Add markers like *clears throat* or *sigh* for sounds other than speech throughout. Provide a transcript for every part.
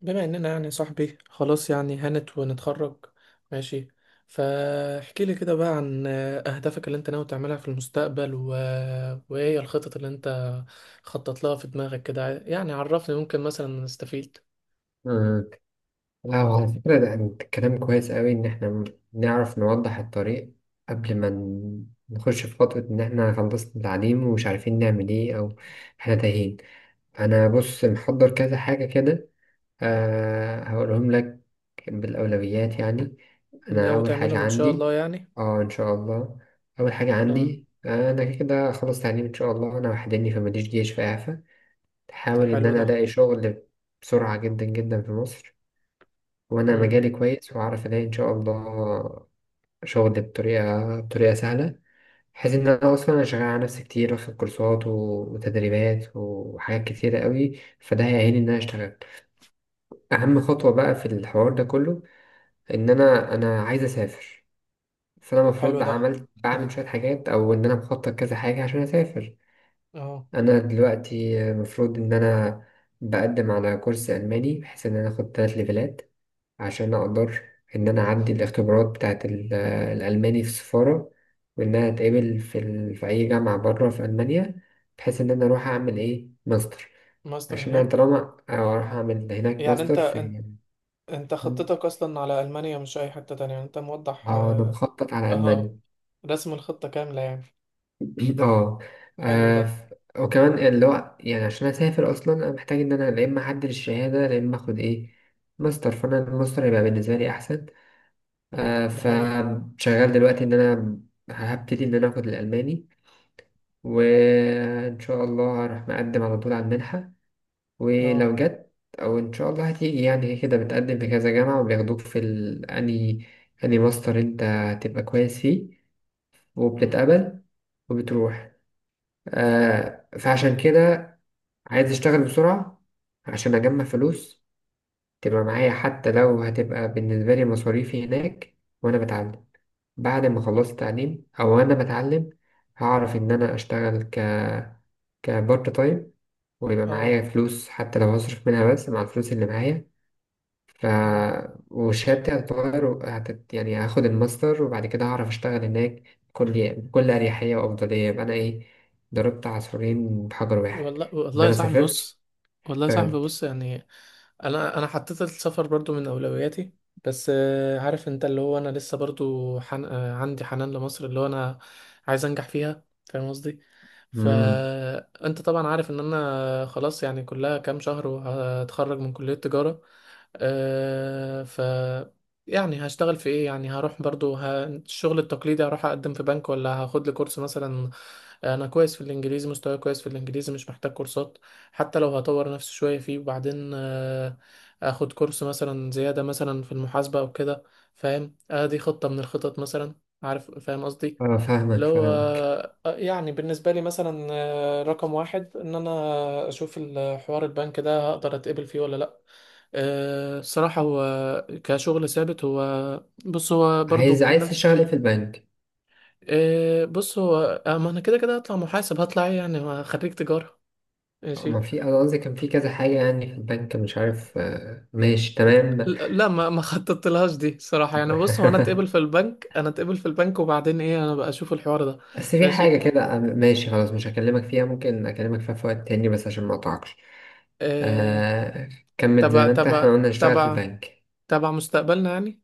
بما اننا يعني صاحبي خلاص، يعني هانت ونتخرج. ماشي، فاحكي لي كده بقى عن اهدافك اللي انت ناوي تعملها في المستقبل وايه هي الخطط اللي انت خطط لها في دماغك كده. يعني عرفني ممكن مثلا نستفيد. مم. لا، على فكرة ده أنت كلام كويس قوي إن إحنا نعرف نوضح الطريق قبل ما نخش في خطوة، إن إحنا خلصنا التعليم ومش عارفين نعمل إيه أو إحنا تايهين. أنا بص، محضر كذا حاجة كده. أه هقولهم لك بالأولويات يعني. أنا ناوي أول حاجة تعملهم ان شاء عندي. الله يعني؟ أه، إن شاء الله. أول حاجة اه. عندي، أنا كده كده أخلص تعليم إن شاء الله. أنا وحدني فماليش جيش، في إعفاء. طب أحاول إن حلو أنا ده. ألاقي شغل بسرعة جدا جدا في مصر. وانا امم. مجالي كويس وهعرف الاقي ان شاء الله شغل بطريقه سهله. بحيث ان انا اصلا شغال على نفسي كتير، واخد كورسات وتدريبات وحاجات كتيره قوي، فده هيعيني ان انا اشتغل. اهم خطوه بقى في الحوار ده كله، ان انا عايز اسافر. فانا حلو المفروض ده. عملت بعمل *laughs* شويه حاجات، او ان انا مخطط كذا حاجه عشان اسافر. اه. انا دلوقتي المفروض ان انا بقدم على كورس الماني، بحيث ان انا اخد 3 ليفلات عشان أقدر إن أنا أعدي الاختبارات بتاعة الألماني في السفارة، وإن أنا أتقبل في أي جامعة بره في ألمانيا، بحيث إن أنا أروح أعمل إيه ماستر. ماستر عشان أنا هناك. طالما أروح أعمل هناك يعني ماستر انت انت في... انت مم. خطتك اصلا على المانيا، مش اي حتة تانية، يعني انت موضح. آه، أنا اه. مخطط على آه، ألمانيا. رسم الخطة كاملة يعني. *clears throat* آه. حلو آه، ده. وكمان، اللي هو يعني، عشان أسافر أصلا أنا محتاج إن أنا لا إما أعدل الشهادة، لا إما آخد إيه ماستر. فأنا الماستر هيبقى بالنسبة لي أحسن. آه، دي حقيقة. فشغال دلوقتي ان انا هبتدي ان انا اخد الالماني، وان شاء الله هروح مقدم على طول على المنحه. اه. ولو جت، او ان شاء الله هتيجي، يعني كده بتقدم في كذا جامعه وبياخدوك في اني ماستر، انت هتبقى كويس فيه امم. وبتتقبل وبتروح. آه، فعشان كده عايز اشتغل بسرعه عشان اجمع فلوس تبقى معايا، حتى لو هتبقى بالنسبه لي مصاريفي هناك وانا بتعلم. بعد ما خلصت تعليم او انا بتعلم، هعرف ان انا اشتغل كبارت تايم. ويبقى معايا اه. فلوس حتى لو هصرف منها، بس مع الفلوس اللي معايا. ف... امم. وشهادتي هتتغير يعني هاخد الماستر وبعد كده هعرف اشتغل هناك بكل اريحيه وافضليه. يبقى انا ايه؟ ضربت عصفورين بحجر واحد، والله ان والله يا انا صاحبي سافرت بص. والله يا صاحبي اشتغلت. بص، يعني انا حطيت السفر برضو من اولوياتي. بس عارف انت، اللي هو انا لسه برضو حن... آه، عندي حنان لمصر، اللي هو انا عايز انجح فيها، فاهم قصدي؟ امم. فانت طبعا عارف ان انا خلاص، يعني كلها كام شهر وهتخرج من كلية تجارة. آه، ف يعني هشتغل في ايه؟ يعني هروح برضو الشغل التقليدي، هروح اقدم في بنك، ولا هاخد لي كورس مثلا. انا كويس في الانجليزي، مستواي كويس في الانجليزي، مش محتاج كورسات. حتى لو هطور نفسي شوية فيه، وبعدين اخد كورس مثلا زيادة مثلا في المحاسبة او كده. فاهم؟ آه، دي خطة من الخطط مثلا. عارف، فاهم قصدي؟ اه، فاهمك لو فاهمك. يعني بالنسبة لي مثلا، رقم واحد ان انا اشوف الحوار البنك ده، هقدر اتقبل فيه ولا لا. الصراحة هو كشغل ثابت، هو بص هو برضو عايز نفس. تشتغل ايه في البنك؟ إيه بص هو، ما انا كده كده هطلع محاسب، هطلع ايه يعني، ما خريج تجارة. ماشي. ما في انا قصدي كان في كذا حاجة يعني في البنك، مش عارف. آه، ماشي تمام. لا، ما خططت لهاش دي صراحة، يعني بص هو انا اتقبل في *laughs* البنك، انا اتقبل في البنك وبعدين ايه، انا بقى اشوف الحوار ده. بس في ماشي. حاجة كده، ماشي، خلاص مش هكلمك فيها، ممكن أكلمك فيها في وقت تاني بس عشان ما أقطعكش. إيه. آه. كمل زي تبع ما أنت إحنا تبع قلنا نشتغل في تبع، البنك. تبع مستقبلنا يعني.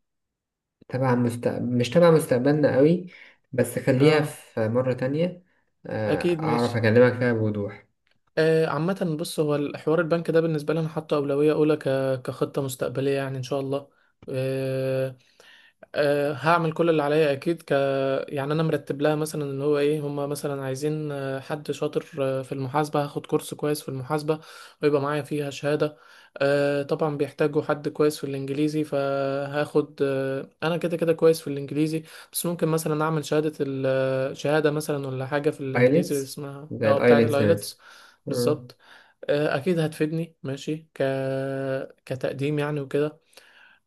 مش تبع مستقبلنا قوي، بس خليها اه في مرة تانية. آه، اكيد، أعرف ماشي. أكلمك فيها بوضوح. عامة بص، هو الحوار البنك ده بالنسبة لي، أنا حاطه أولوية أولى كخطة مستقبلية يعني إن شاء الله. آه، أه هعمل كل اللي عليا اكيد. يعني انا مرتب لها، مثلا اللي هو ايه، هما مثلا عايزين حد شاطر في المحاسبه، هاخد كورس كويس في المحاسبه، ويبقى معايا فيها شهاده. أه طبعا بيحتاجوا حد كويس في الانجليزي، فهاخد أه، انا كده كده كويس في الانجليزي، بس ممكن مثلا اعمل شهاده ال... آه، شهاده مثلا ولا حاجه في الانجليزي اللي ايلتس. اسمها زي اه بتاعه الايلتس مثلا. الايلتس. آه، بالظبط. اكيد هتفيدني، ماشي كتقديم يعني وكده.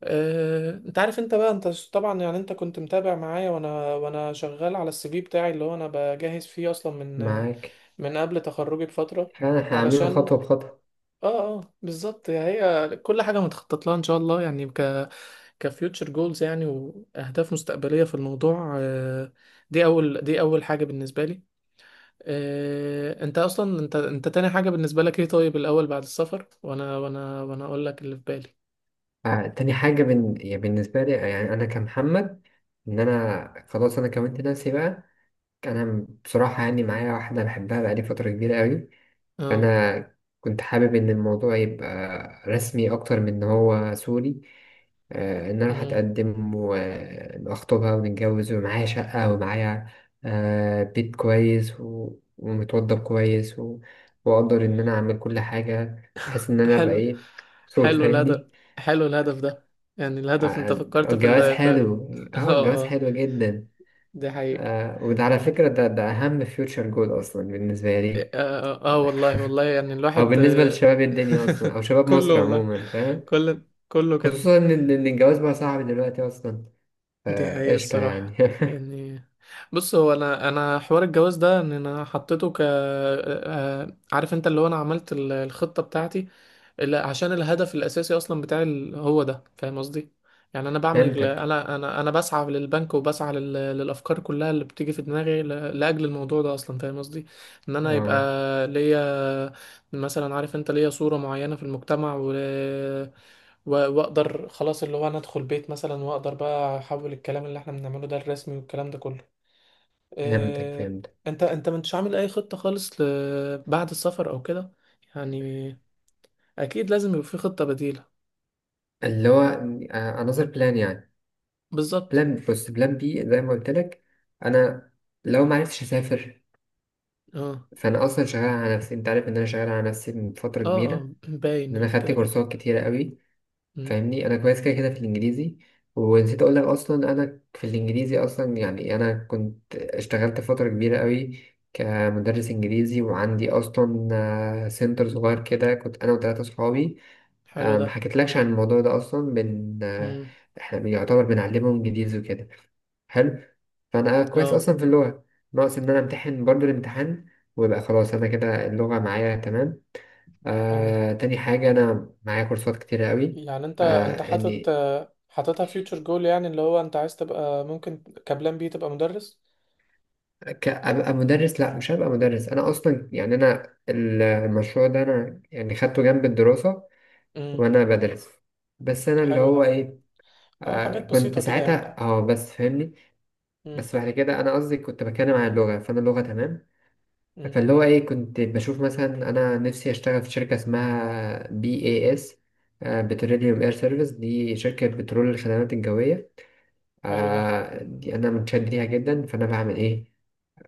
انت عارف، انت بقى، انت طبعا، يعني انت كنت متابع معايا، وانا شغال على السي في بتاعي، اللي هو انا بجهز فيه اصلا من معاك. من قبل تخرجي بفترة، فأنا هعمله علشان خطوة بخطوة. اه. اه بالظبط، يعني هي كل حاجة متخطط لها ان شاء الله، يعني كفيوتشر جولز يعني، واهداف مستقبلية في الموضوع. دي اول حاجة بالنسبة لي. انت اصلا، انت تاني حاجة بالنسبة لك ايه؟ طيب، الاول بعد السفر وانا اقول لك اللي في بالي. آه، تاني حاجة يعني بالنسبة لي يعني أنا كمحمد، إن أنا خلاص أنا كونت نفسي بقى. أنا بصراحة يعني معايا واحدة بحبها بقالي فترة كبيرة أوي. اه. فأنا كنت حابب إن الموضوع يبقى رسمي أكتر من إن هو سوري. إن أنا أروح أتقدم وأخطبها ونتجوز ومعايا شقة، ومعايا بيت كويس و... ومتوضب كويس و... وأقدر إن أنا أعمل كل حاجة بحيث إن أنا أبقى حلو. إيه، صوت حلو الهدف. فاهمني. حلو الهدف ده. يعني الهدف، آه، انت فكرت في الجواز ال في. حلو. *laughs* اه اه الجواز اه. حلو جدا. دي حقيقة. آه، وده على فكرة، ده أهم فيوتشر جول أصلا بالنسبة اه، لي. والله والله، يعني أو الواحد. بالنسبة لشباب الدنيا أصلا، أو *laughs* شباب كله مصر والله. عموما، فاهم. كله كده. خصوصا إن الجواز بقى صعب دلوقتي أصلا. دي حقيقة فقشطة يعني. الصراحة، يعني بص، هو انا حوار الجواز ده ان انا حطيته ك. عارف انت، اللي هو انا عملت الخطة بتاعتي، اللي عشان الهدف الاساسي اصلا بتاعي هو ده، فاهم قصدي؟ يعني انا *laughs* بعمل، فهمتك. انا بسعى للبنك، وبسعى للافكار كلها اللي بتيجي في دماغي لاجل الموضوع ده اصلا، فاهم قصدي؟ ان انا يبقى اه ليا، مثلا عارف انت، ليا صورة معينة في المجتمع، واقدر خلاص، اللي هو انا ادخل بيت مثلا، واقدر بقى احول الكلام اللي احنا بنعمله ده الرسمي والكلام ده كله. فهمتك إيه، فهمتك. انت مش عامل اي خطة خالص بعد السفر او كده، يعني اكيد لازم يبقى في خطة بديلة. اللي هو أنظر بلان يعني. بالظبط. بلان، بص، بلان B. زي ما قلت لك، أنا لو ما عرفتش أسافر، اه فأنا أصلا شغال على نفسي. أنت عارف إن أنا شغال على نفسي من فترة اه. كبيرة، اه باين إن أنا يعني، خدت كده كده. كورسات كتيرة قوي، مم. فاهمني. انا كويس كده كده في الانجليزي. ونسيت اقول لك اصلا، انا في الانجليزي اصلا يعني انا كنت اشتغلت فتره كبيره قوي كمدرس انجليزي، وعندي اصلا سنتر صغير كده، كنت انا وثلاثه صحابي. حلو آه، ده. ما حكيتلكش عن الموضوع ده اصلا بن آه، مم. احنا بيعتبر بنعلمهم انجليزي وكده. حلو. فانا كويس اه اصلا في اللغه. ناقص ان انا امتحن برضه الامتحان ويبقى خلاص انا كده اللغه معايا تمام. اه. آه، تاني حاجة أنا معايا كورسات كتيرة قوي. يعني انت، انت يعني حاططها فيوتشر جول، يعني اللي هو انت عايز تبقى ممكن كبلان بي تبقى مدرس. أبقى مدرس؟ لأ مش هبقى مدرس. أنا أصلا يعني أنا المشروع ده أنا يعني خدته جنب الدراسة امم. وأنا بدرس. بس أنا اللي حلو ده. هو إيه، اه، آه، حاجات كنت بسيطة كده يعني. ساعتها، بس فاهمني. بس بعد كده أنا قصدي كنت بتكلم عن اللغة، فأنا اللغة تمام. امم. فاللي هو إيه، كنت بشوف مثلا أنا نفسي أشتغل في شركة اسمها BES، بتروليوم إير سيرفيس، دي شركة بترول الخدمات الجوية. حلو ده. آه، دي انا متشد ليها جدا. فانا بعمل ايه؟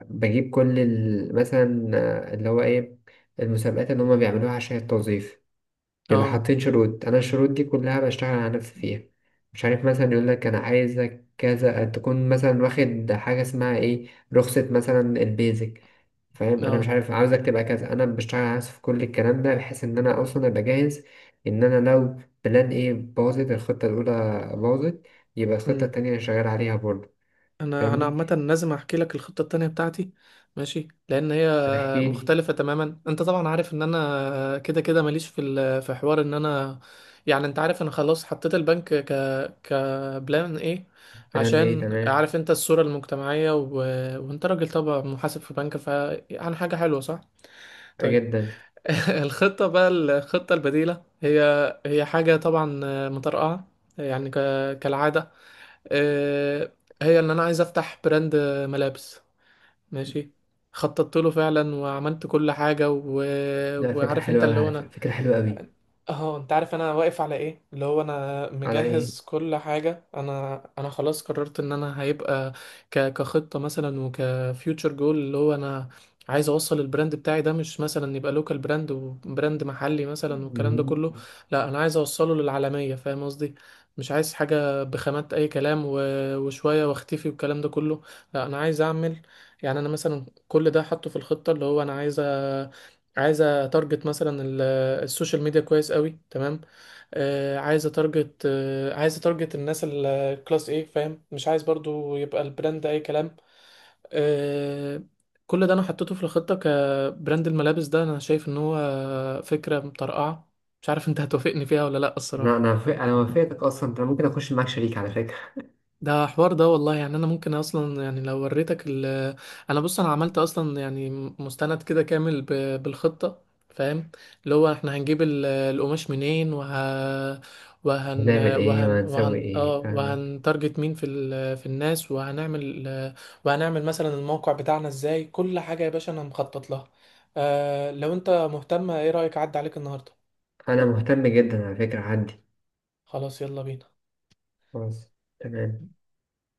بجيب كل مثلا، اللي هو ايه، المسابقات اللي هما بيعملوها عشان التوظيف. بيبقى اه حاطين شروط، انا الشروط دي كلها بشتغل على نفسي فيها. مش عارف، مثلا يقول لك انا عايزك كذا، تكون مثلا واخد حاجه اسمها ايه، رخصه مثلا البيزك، فاهم. انا مش اه. عارف عاوزك تبقى كذا، انا بشتغل على نفسي في كل الكلام ده بحيث ان انا اصلا ابقى جاهز، ان انا لو بلان ايه باظت الخطه الاولى، باظت، يبقى الخطة امم. التانية اللي شغال عليها برضه، انا فاهمني. عامه لازم احكي لك الخطه التانية بتاعتي. ماشي، لان هي طب احكي لي. مختلفه تماما. انت طبعا عارف ان انا كده كده ماليش في في حوار ان انا، يعني انت عارف انا خلاص حطيت البنك كبلان ايه، الكلام ده ايه؟ عشان تمام عارف انت الصوره المجتمعيه، وانت راجل طبعا محاسب في بنك، فعن حاجه حلوه، صح؟ طيب. جدا. *laughs* الخطه بقى، الخطه البديله، هي هي حاجه طبعا مطرقعه، يعني كالعاده. آه، هي ان انا عايز افتح براند ملابس. ماشي. خططت له فعلا، وعملت كل حاجة، لا، فكرة وعارف انت، حلوة أوي، اللي هو على انا، فكرة فكرة حلوة أوي. اهو انت عارف انا واقف على ايه، اللي هو انا على ايه؟ مجهز كل حاجه. انا خلاص قررت ان انا هيبقى كخطه مثلا، وكفيوتشر جول، اللي هو انا عايز اوصل البراند بتاعي ده، مش مثلا يبقى لوكال براند، وبراند محلي مثلا والكلام ده مم. كله. لا، انا عايز اوصله للعالميه، فاهم قصدي؟ مش عايز حاجه بخامات اي كلام، وشويه واختفي والكلام ده كله. لا، انا عايز اعمل، يعني انا مثلا كل ده حاطه في الخطه، اللي هو انا عايز اتارجت مثلا السوشيال ميديا كويس قوي تمام. عايز اتارجت الناس الكلاس ايه، فاهم؟ مش عايز برضو يبقى البراند اي كلام. آه، كل ده انا حطيته في الخطة، كبراند الملابس ده انا شايف ان هو فكرة مطرقعة. مش عارف انت هتوافقني فيها ولا لا، انا الصراحة. انا وافق- انا وافقتك اصلا، انا ممكن اخش معاك شريك على فكرة. ده حوار، ده والله، يعني انا ممكن اصلا، يعني لو وريتك ال، انا بص انا عملت اصلا يعني مستند كده كامل بالخطة، فاهم؟ اللي هو احنا هنجيب القماش منين، وهن هنعمل ايه وهن وهنسوي وهن ايه، اه فاهمك. وهنتارجت مين في في الناس، وهنعمل، وهنعمل مثلا الموقع بتاعنا ازاي. كل حاجة يا باشا انا مخطط لها. آه، لو انت مهتم، ايه رأيك اعدي عليك النهاردة؟ انا مهتم جدا على فكرة، عندي. خلاص، يلا بينا. خلاص. تمام.